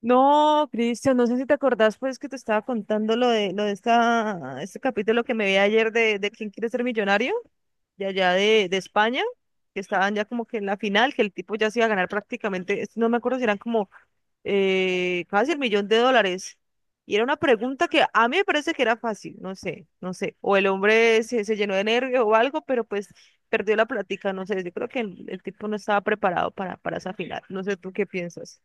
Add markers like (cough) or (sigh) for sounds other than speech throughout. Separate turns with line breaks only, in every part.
No, Cristian, no sé si te acordás, pues que te estaba contando lo de este capítulo que me vi ayer de quién quiere ser millonario, de allá de España, que estaban ya como que en la final, que el tipo ya se iba a ganar prácticamente, no me acuerdo si eran como casi el millón de dólares. Y era una pregunta que a mí me parece que era fácil, no sé, no sé. O el hombre se llenó de nervio o algo, pero pues perdió la plática, no sé. Yo creo que el tipo no estaba preparado para esa final. No sé tú qué piensas.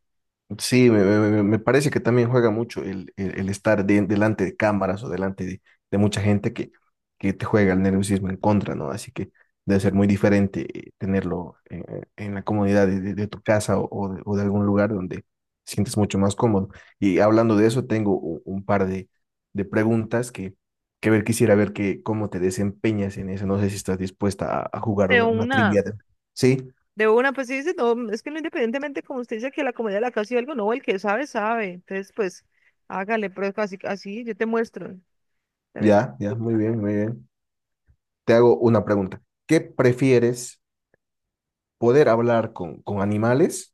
Sí, me parece que también juega mucho el estar delante de cámaras o delante de mucha gente que te juega el nerviosismo en contra, ¿no? Así que debe ser muy diferente tenerlo en la comodidad de tu casa o, o de algún lugar donde sientes mucho más cómodo. Y hablando de eso, tengo un par de preguntas que quisiera ver que, cómo te desempeñas en eso. No sé si estás dispuesta a jugar
De
una
una.
trivia. Sí,
De una, pues sí, dice, no, es que no, independientemente, como usted dice, que la comedia de la casa y algo, no, el que sabe, sabe. Entonces, pues, hágale, pero así, así yo te muestro. Tenés-
ya, muy bien, muy bien. Te hago una pregunta. ¿Qué prefieres, poder hablar con animales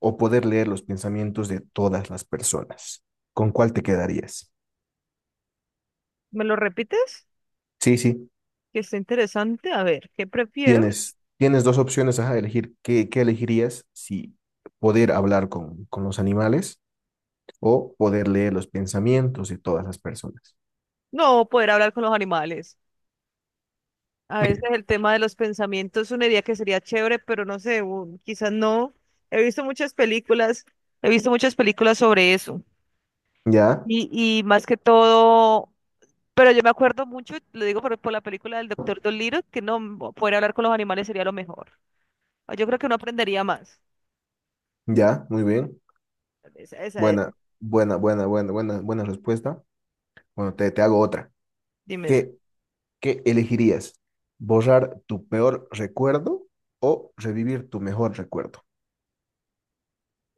o poder leer los pensamientos de todas las personas? ¿Con cuál te quedarías?
¿Me lo repites?
Sí, sí,
Que está interesante. A ver, ¿qué prefiero?
tienes dos opciones a elegir. ¿Qué, qué elegirías si poder hablar con los animales o poder leer los pensamientos de todas las personas?
No, poder hablar con los animales. A veces el tema de los pensamientos es una idea que sería chévere, pero no sé, quizás no. He visto muchas películas, he visto muchas películas sobre eso.
Ya,
Y más que todo. Pero yo me acuerdo mucho, lo digo por la película del Doctor Dolittle, que no poder hablar con los animales sería lo mejor. Ah, yo creo que uno aprendería más.
ya, muy bien.
Esa es,
Buena, buena respuesta. Bueno, te hago otra.
dime, dime.
¿Qué ¿Qué elegirías? ¿Borrar tu peor recuerdo o revivir tu mejor recuerdo?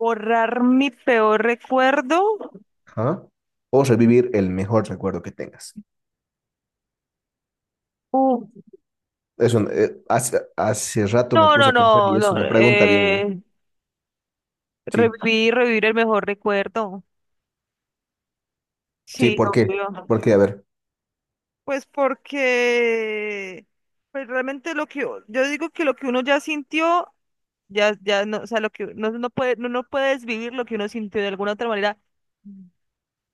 Borrar mi peor recuerdo.
¿Ah? O revivir el mejor recuerdo que tengas.
Uh,
Eso, hace rato me
no,
puse
no,
a pensar y
no,
es
no.
una pregunta bien. Sí,
Revivir el mejor recuerdo.
sí,
Sí,
¿por qué?
obvio.
¿Por qué? A ver.
Pues porque, pues realmente lo que yo digo que lo que uno ya sintió, ya, ya no, o sea, lo que no, no puede, no, no puedes vivir lo que uno sintió de alguna otra manera.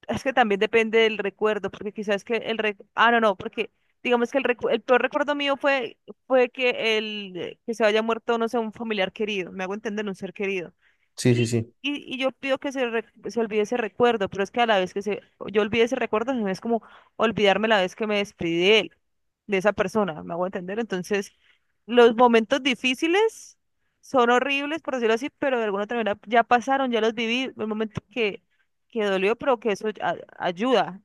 Es que también depende del recuerdo, porque quizás que el Ah, no, no, porque digamos que el peor recuerdo mío fue que, el, que se haya muerto, no sé, un familiar querido, me hago entender, un ser querido.
Sí, sí,
Y,
sí,
y yo pido que se olvide ese recuerdo, pero es que a la vez que yo olvide ese recuerdo, no es como olvidarme la vez que me despedí de él, de esa persona, ¿me hago entender? Entonces, los momentos difíciles son horribles, por decirlo así, pero de alguna otra manera ya pasaron, ya los viví, el momento que dolió, pero que eso ayuda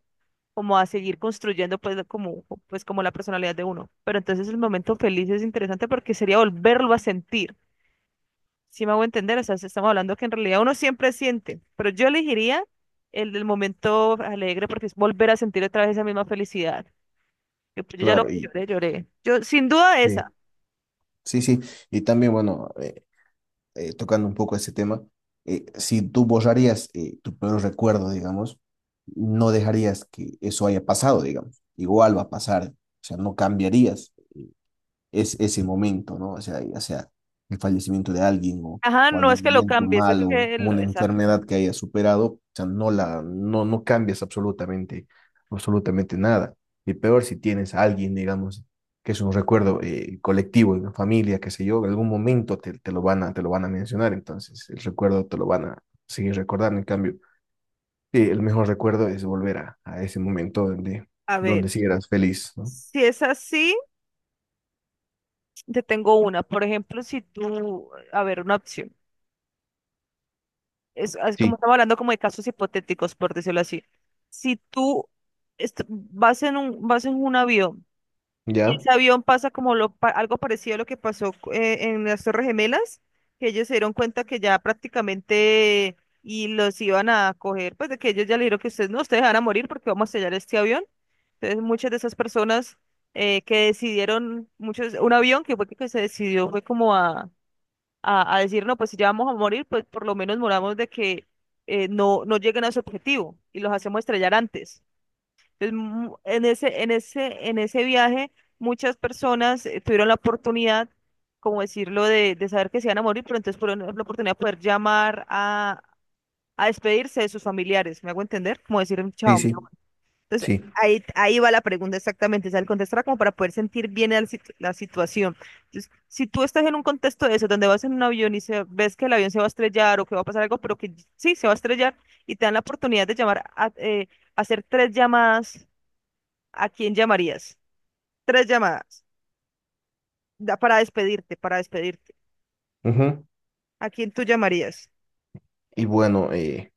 como a seguir construyendo pues como la personalidad de uno. Pero entonces el momento feliz es interesante porque sería volverlo a sentir. Si me hago entender, o sea, si estamos hablando que en realidad uno siempre siente, pero yo elegiría el del momento alegre porque es volver a sentir otra vez esa misma felicidad. Que, pues, yo ya
claro.
lo
Y
lloré, lloré. Yo, sin duda esa.
sí, sí, sí. Y también, bueno, tocando un poco ese tema, si tú borrarías tu peor recuerdo, digamos, no dejarías que eso haya pasado, digamos. Igual va a pasar, o sea, no cambiarías. Es ese momento, ¿no? O sea, ya sea el fallecimiento de alguien
Ajá,
o
no es
algún
que lo
momento
cambies, es
malo o
que
una
exacto.
enfermedad que haya superado, o sea, no la, no, no cambias absolutamente, absolutamente nada. Y peor si tienes a alguien, digamos, que es un recuerdo colectivo, de una familia, qué sé yo, en algún momento te lo van a te lo van a mencionar, entonces el recuerdo te lo van a seguir recordando. En cambio, el mejor recuerdo es volver a ese momento donde,
A ver,
donde sí eras feliz, ¿no?
si es así, te tengo una. Por ejemplo, si tú, a ver, una opción. Es como
Sí,
estamos hablando como de casos hipotéticos, por decirlo así. Si tú vas en un, avión. Y
ya,
ese avión pasa como algo parecido a lo que pasó en las Torres Gemelas, que ellos se dieron cuenta que ya prácticamente y los iban a coger, pues de que ellos ya le dijeron que ustedes no, ustedes van a morir porque vamos a sellar este avión. Entonces muchas de esas personas que decidieron, muchos, un avión que fue que se decidió fue como a, decir, no, pues si ya vamos a morir, pues por lo menos moramos de que no lleguen a su objetivo y los hacemos estrellar antes. Entonces, en ese, viaje, muchas personas tuvieron la oportunidad, como decirlo, de saber que se iban a morir, pero entonces por la oportunidad de poder llamar a despedirse de sus familiares. ¿Me hago entender? Como decir un
sí,
chao.
sí,
Entonces,
sí.
ahí va la pregunta exactamente. O sea, el contestar como para poder sentir bien la situación. Entonces, si tú estás en un contexto de eso, donde vas en un avión y ves que el avión se va a estrellar o que va a pasar algo, pero que sí, se va a estrellar, y te dan la oportunidad de llamar hacer tres llamadas. ¿A quién llamarías? Tres llamadas. Para despedirte, para despedirte.
Ujú.
¿A quién tú llamarías?
Y bueno,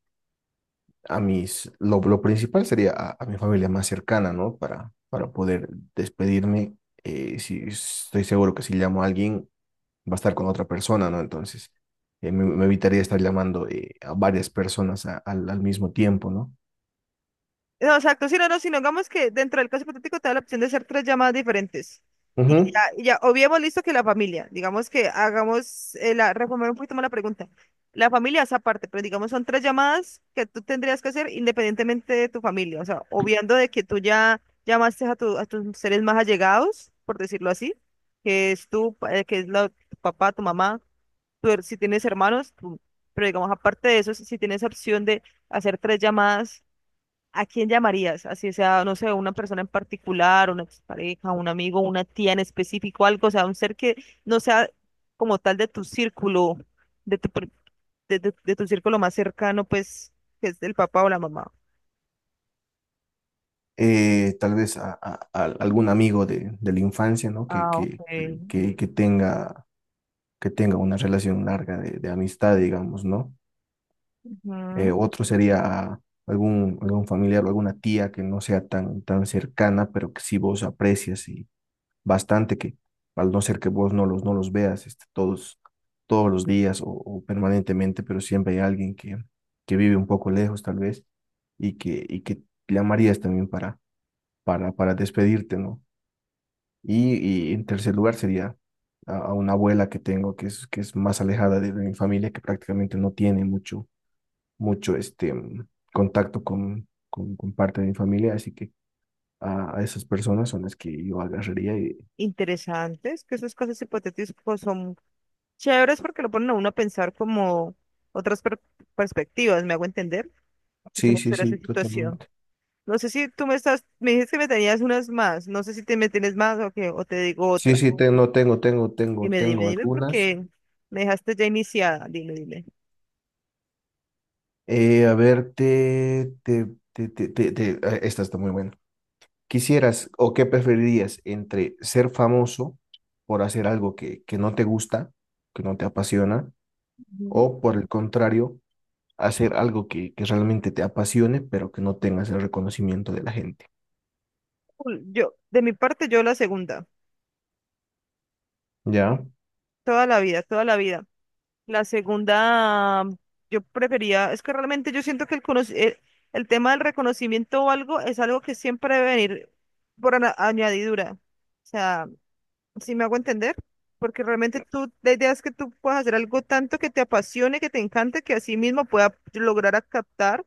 lo principal sería a mi familia más cercana, ¿no?
Sí.
Para poder despedirme. Eh, si, estoy seguro que si llamo a alguien, va a estar con otra persona, ¿no? Entonces, me evitaría estar llamando a varias personas al, al mismo tiempo, ¿no?
No, exacto. Si no, si no, digamos que dentro del caso hipotético te da la opción de hacer tres llamadas diferentes. Y ya,
Ujú.
y ya obviemos listo que la familia. Digamos que hagamos, reformular un poquito más la pregunta. La familia es aparte, pero digamos son tres llamadas que tú tendrías que hacer independientemente de tu familia. O sea, obviando de que tú ya llamaste a tus seres más allegados, por decirlo así, que es tu papá, tu mamá. Si tienes hermanos, pero digamos, aparte de eso, si tienes opción de hacer tres llamadas, ¿a quién llamarías? Así sea, no sé, una persona en particular, una expareja, un amigo, una tía en específico, algo, o sea, un ser que no sea como tal de tu círculo, de tu, pr- de tu círculo más cercano, pues, que es del papá o la mamá.
Tal vez a, a algún amigo de la infancia, ¿no?
Ah, ok.
Que tenga una relación larga de amistad, digamos, ¿no? Eh,
Ujú.
otro sería algún, algún familiar o alguna tía que no sea tan, tan cercana, pero que sí vos aprecias y bastante que al no ser que vos no los, no los veas este, todos, todos los días o permanentemente, pero siempre hay alguien que vive un poco lejos tal vez y que llamarías también para despedirte, ¿no? Y, y en tercer lugar sería a una abuela que tengo que es más alejada de mi familia, que prácticamente no tiene mucho mucho este contacto con parte de mi familia, así que a esas personas son las que yo agarraría y
Interesantes, que esas cosas hipotéticas pues, son chéveres porque lo ponen a uno a pensar como otras perspectivas, ¿me hago entender? Se
sí,
me
sí,
suena esa
sí,
situación.
totalmente.
No sé si tú me estás, me dijiste que me tenías unas más, no sé si te me tienes más o que, o te digo
Sí,
otra.
sí,
Dime, dime,
tengo
dime,
algunas.
porque me dejaste ya iniciada, dime, dime.
A ver, ah, esta está muy buena. ¿Quisieras o qué preferirías entre ser famoso por hacer algo que no te gusta, que no te apasiona,
Ujú.
o por el contrario, hacer algo que realmente te apasione, pero que no tengas el reconocimiento de la gente?
Cool, yo, de mi parte, yo la segunda,
Ya.
toda la vida, toda la vida. La segunda, yo prefería, es que realmente yo siento que el tema del reconocimiento o algo es algo que siempre debe venir por añadidura. O sea, si me hago entender, porque realmente tú, la idea es que tú puedas hacer algo tanto que te apasione, que te encante, que así mismo pueda lograr a captar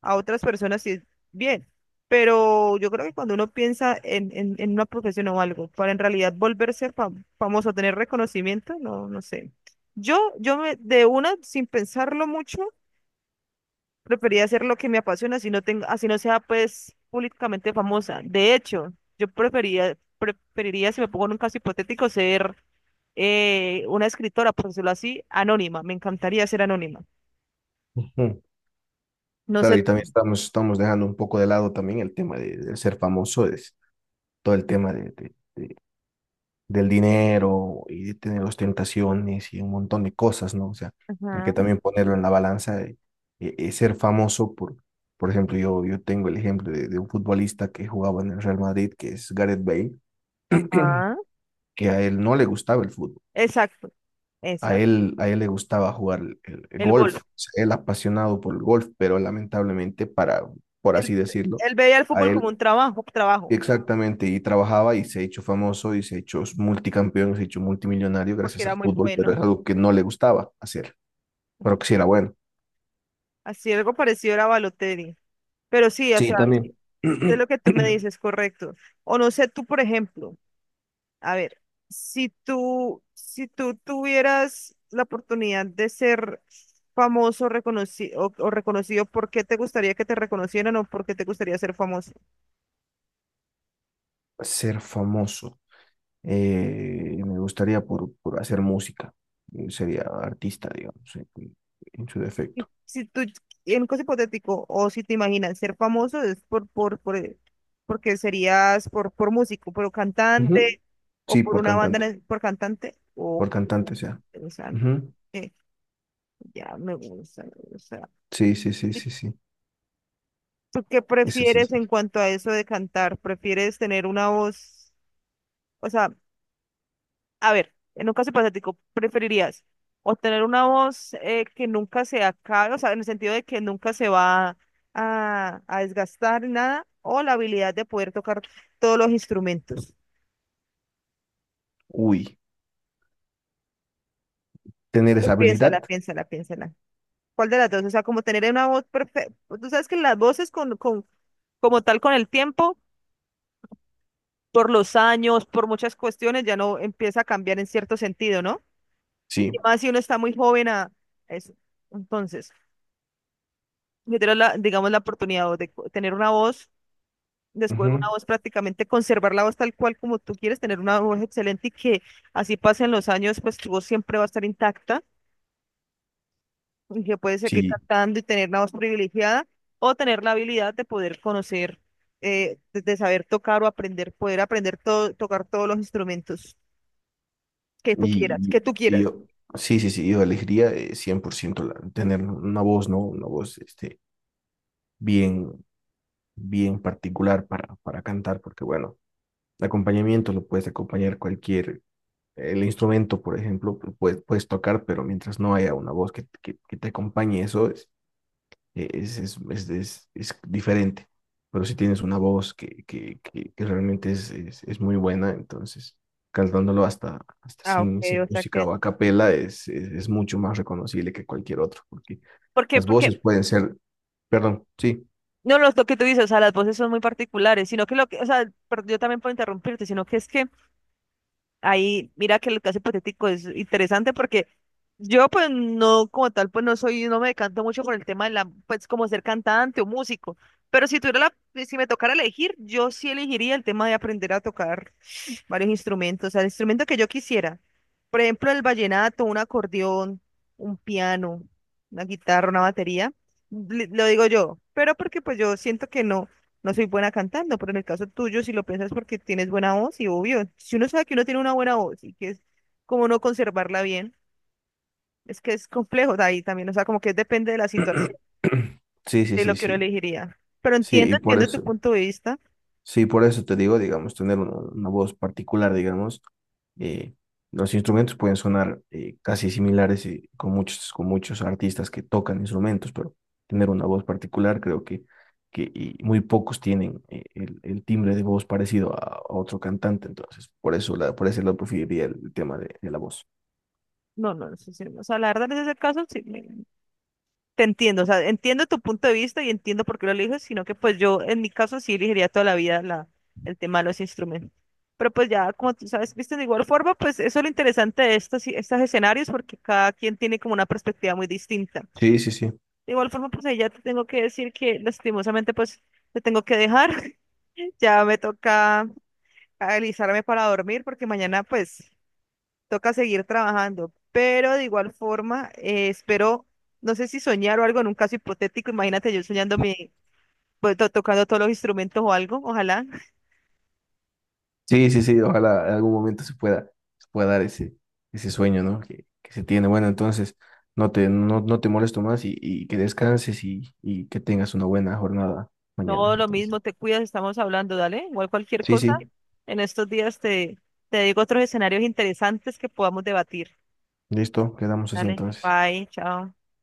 a otras personas y es bien. Pero yo creo que cuando uno piensa en una profesión o algo, para en realidad volverse famoso, tener reconocimiento, no, no sé. Yo me, de una, sin pensarlo mucho, prefería hacer lo que me apasiona, así no tengo, así no sea pues públicamente famosa. De hecho, yo preferiría, si me pongo en un caso hipotético, ser una escritora, por decirlo así, anónima. Me encantaría ser anónima.
Ujú.
No
Claro,
sé.
y también estamos dejando un poco de lado también el tema de ser famoso, es todo el tema de, del dinero y de tener ostentaciones y un montón de cosas, ¿no? O sea, hay que
Ajá,
también ponerlo en la balanza de, ser famoso por ejemplo, yo tengo el ejemplo de un futbolista que jugaba en el Real Madrid, que es Gareth Bale,
ajá.
que a él no le gustaba el fútbol.
Exacto, exacto.
A él le gustaba jugar el
El gol.
golf, o sea, él apasionado por el golf, pero lamentablemente para, por así
Él,
decirlo,
él veía el
a
fútbol como un
él
trabajo, trabajo,
exactamente, y trabajaba y se ha hecho famoso y se ha hecho multicampeón, se ha hecho multimillonario
porque
gracias
era
al
muy
fútbol, pero
bueno.
es algo que no le gustaba hacer, pero que sí era bueno.
Así algo parecido era Balotelli. Pero sí, o
Sí,
sea,
también.
sí, es
(clears throat)
lo que tú me dices, correcto. O no sé, tú, por ejemplo, a ver, si tú tuvieras la oportunidad de ser famoso reconoci- o reconocido, ¿por qué te gustaría que te reconocieran o por qué te gustaría ser famoso?
Ser famoso, me gustaría por hacer música, sería artista, digamos, en su defecto.
Si tú, en un caso hipotético, o si te imaginas ser famoso, es porque serías por músico, por cantante,
Ujú.
o
Sí,
por una banda, por cantante, o
por cantante, o sea.
interesante.
Ujú.
Eh, ya me gusta, me gusta.
Sí, sí, sí, sí, sí.
¿Tú qué
Eso sí.
prefieres
Sí.
en cuanto a eso de cantar? ¿Prefieres tener una voz? O sea, a ver, en un caso hipotético, ¿preferirías o tener una voz que nunca se acabe, o sea, en el sentido de que nunca se va a desgastar ni nada, o la habilidad de poder tocar todos los instrumentos?
Uy, tener
Pues
esa
piénsala,
habilidad.
piénsala, piénsala. ¿Cuál de las dos? O sea, como tener una voz perfecta. Tú sabes que las voces como tal con el tiempo, por los años, por muchas cuestiones, ya no empieza a cambiar en cierto sentido, ¿no?
Sí.
Y más si uno está muy joven a eso. Entonces, yo tengo la, digamos, la oportunidad o tener una voz, descubrir una
Ujú.
voz prácticamente, conservar la voz tal cual como tú quieres, tener una voz excelente y que así pasen los años, pues tu voz siempre va a estar intacta y que puedes seguir
Sí.
cantando y tener una voz privilegiada o tener la habilidad de poder conocer, de saber tocar o aprender, poder aprender todo, tocar todos los instrumentos que tú quieras,
Y, y-
que tú
y
quieras.
yo, sí, sí, sí, yo elegiría 100% tener una voz, ¿no? Una voz este, bien, bien particular para cantar, porque bueno, el acompañamiento lo puedes acompañar cualquier, el instrumento, por ejemplo, lo puedes, puedes tocar, pero mientras no haya una voz que te acompañe, eso es, es diferente. Pero si tienes una voz que, que realmente es muy buena, entonces cantándolo hasta, hasta
Ah, ok,
sin, sin
o sea
música
que...
o a capela es mucho más reconocible que cualquier otro, porque
¿Por qué?
las voces
Porque
pueden ser, perdón, sí,
no, no, lo que tú dices, o sea, las voces son muy particulares, sino que lo que, o sea, pero yo también puedo interrumpirte, sino que es que ahí, mira que el caso hipotético es interesante porque yo pues no, como tal, pues no soy, no me decanto mucho por el tema de la, pues como ser cantante o músico, pero si tuviera la, si me tocara elegir, yo sí elegiría el tema de aprender a tocar varios instrumentos, o sea, el instrumento que yo quisiera. Por ejemplo, el vallenato, un acordeón, un piano, una guitarra, una batería. Lo digo yo, pero porque pues yo siento que no, no soy buena cantando, pero en el caso tuyo, si lo piensas porque tienes buena voz, y obvio, si uno sabe que uno tiene una buena voz y que es como no conservarla bien, es que es complejo de ahí también, o sea, como que depende de la situación,
(clears throat) sí, sí,
de lo
sí,
que uno
sí,
elegiría. Pero
sí,
entiendo,
y por
entiendo tu
eso.
punto de vista.
Sí, por eso te digo, digamos, tener una voz particular, digamos, eh, los instrumentos pueden sonar casi similares con muchos artistas que tocan instrumentos, pero tener una voz particular creo que y muy pocos tienen el timbre de voz parecido a otro cantante, entonces por eso, la, por ese lado preferiría el tema de la voz.
No, no, no sé si, o sea, la verdad, en ese caso, sí, te entiendo, o sea, entiendo tu punto de vista y entiendo por qué lo eliges, sino que pues yo en mi caso sí elegiría toda la vida la, el tema de los instrumentos. Pero pues ya, como tú sabes, viste, de igual forma, pues eso es lo interesante de estos escenarios porque cada quien tiene como una perspectiva muy distinta.
Sí, sí, sí.
De igual forma, pues ahí ya te tengo que decir que lastimosamente pues te tengo que dejar, (laughs) ya me toca alisarme para dormir porque mañana pues toca seguir trabajando, pero de igual forma, espero, no sé si soñar o algo en un caso hipotético, imagínate yo soñando pues, tocando todos los instrumentos o algo, ojalá. (laughs)
Sí, sí, sí, ojalá en algún momento se pueda dar ese, ese sueño, ¿no? Que se tiene. Bueno, entonces no te molesto más y que descanses y que tengas una buena jornada mañana.
No, lo
Entonces,
mismo, te cuidas, estamos hablando, dale, igual cualquier
sí,
cosa,
sí,
en estos días te digo otros escenarios interesantes que podamos debatir.
listo, quedamos así
Dale,
entonces.
bye, chao.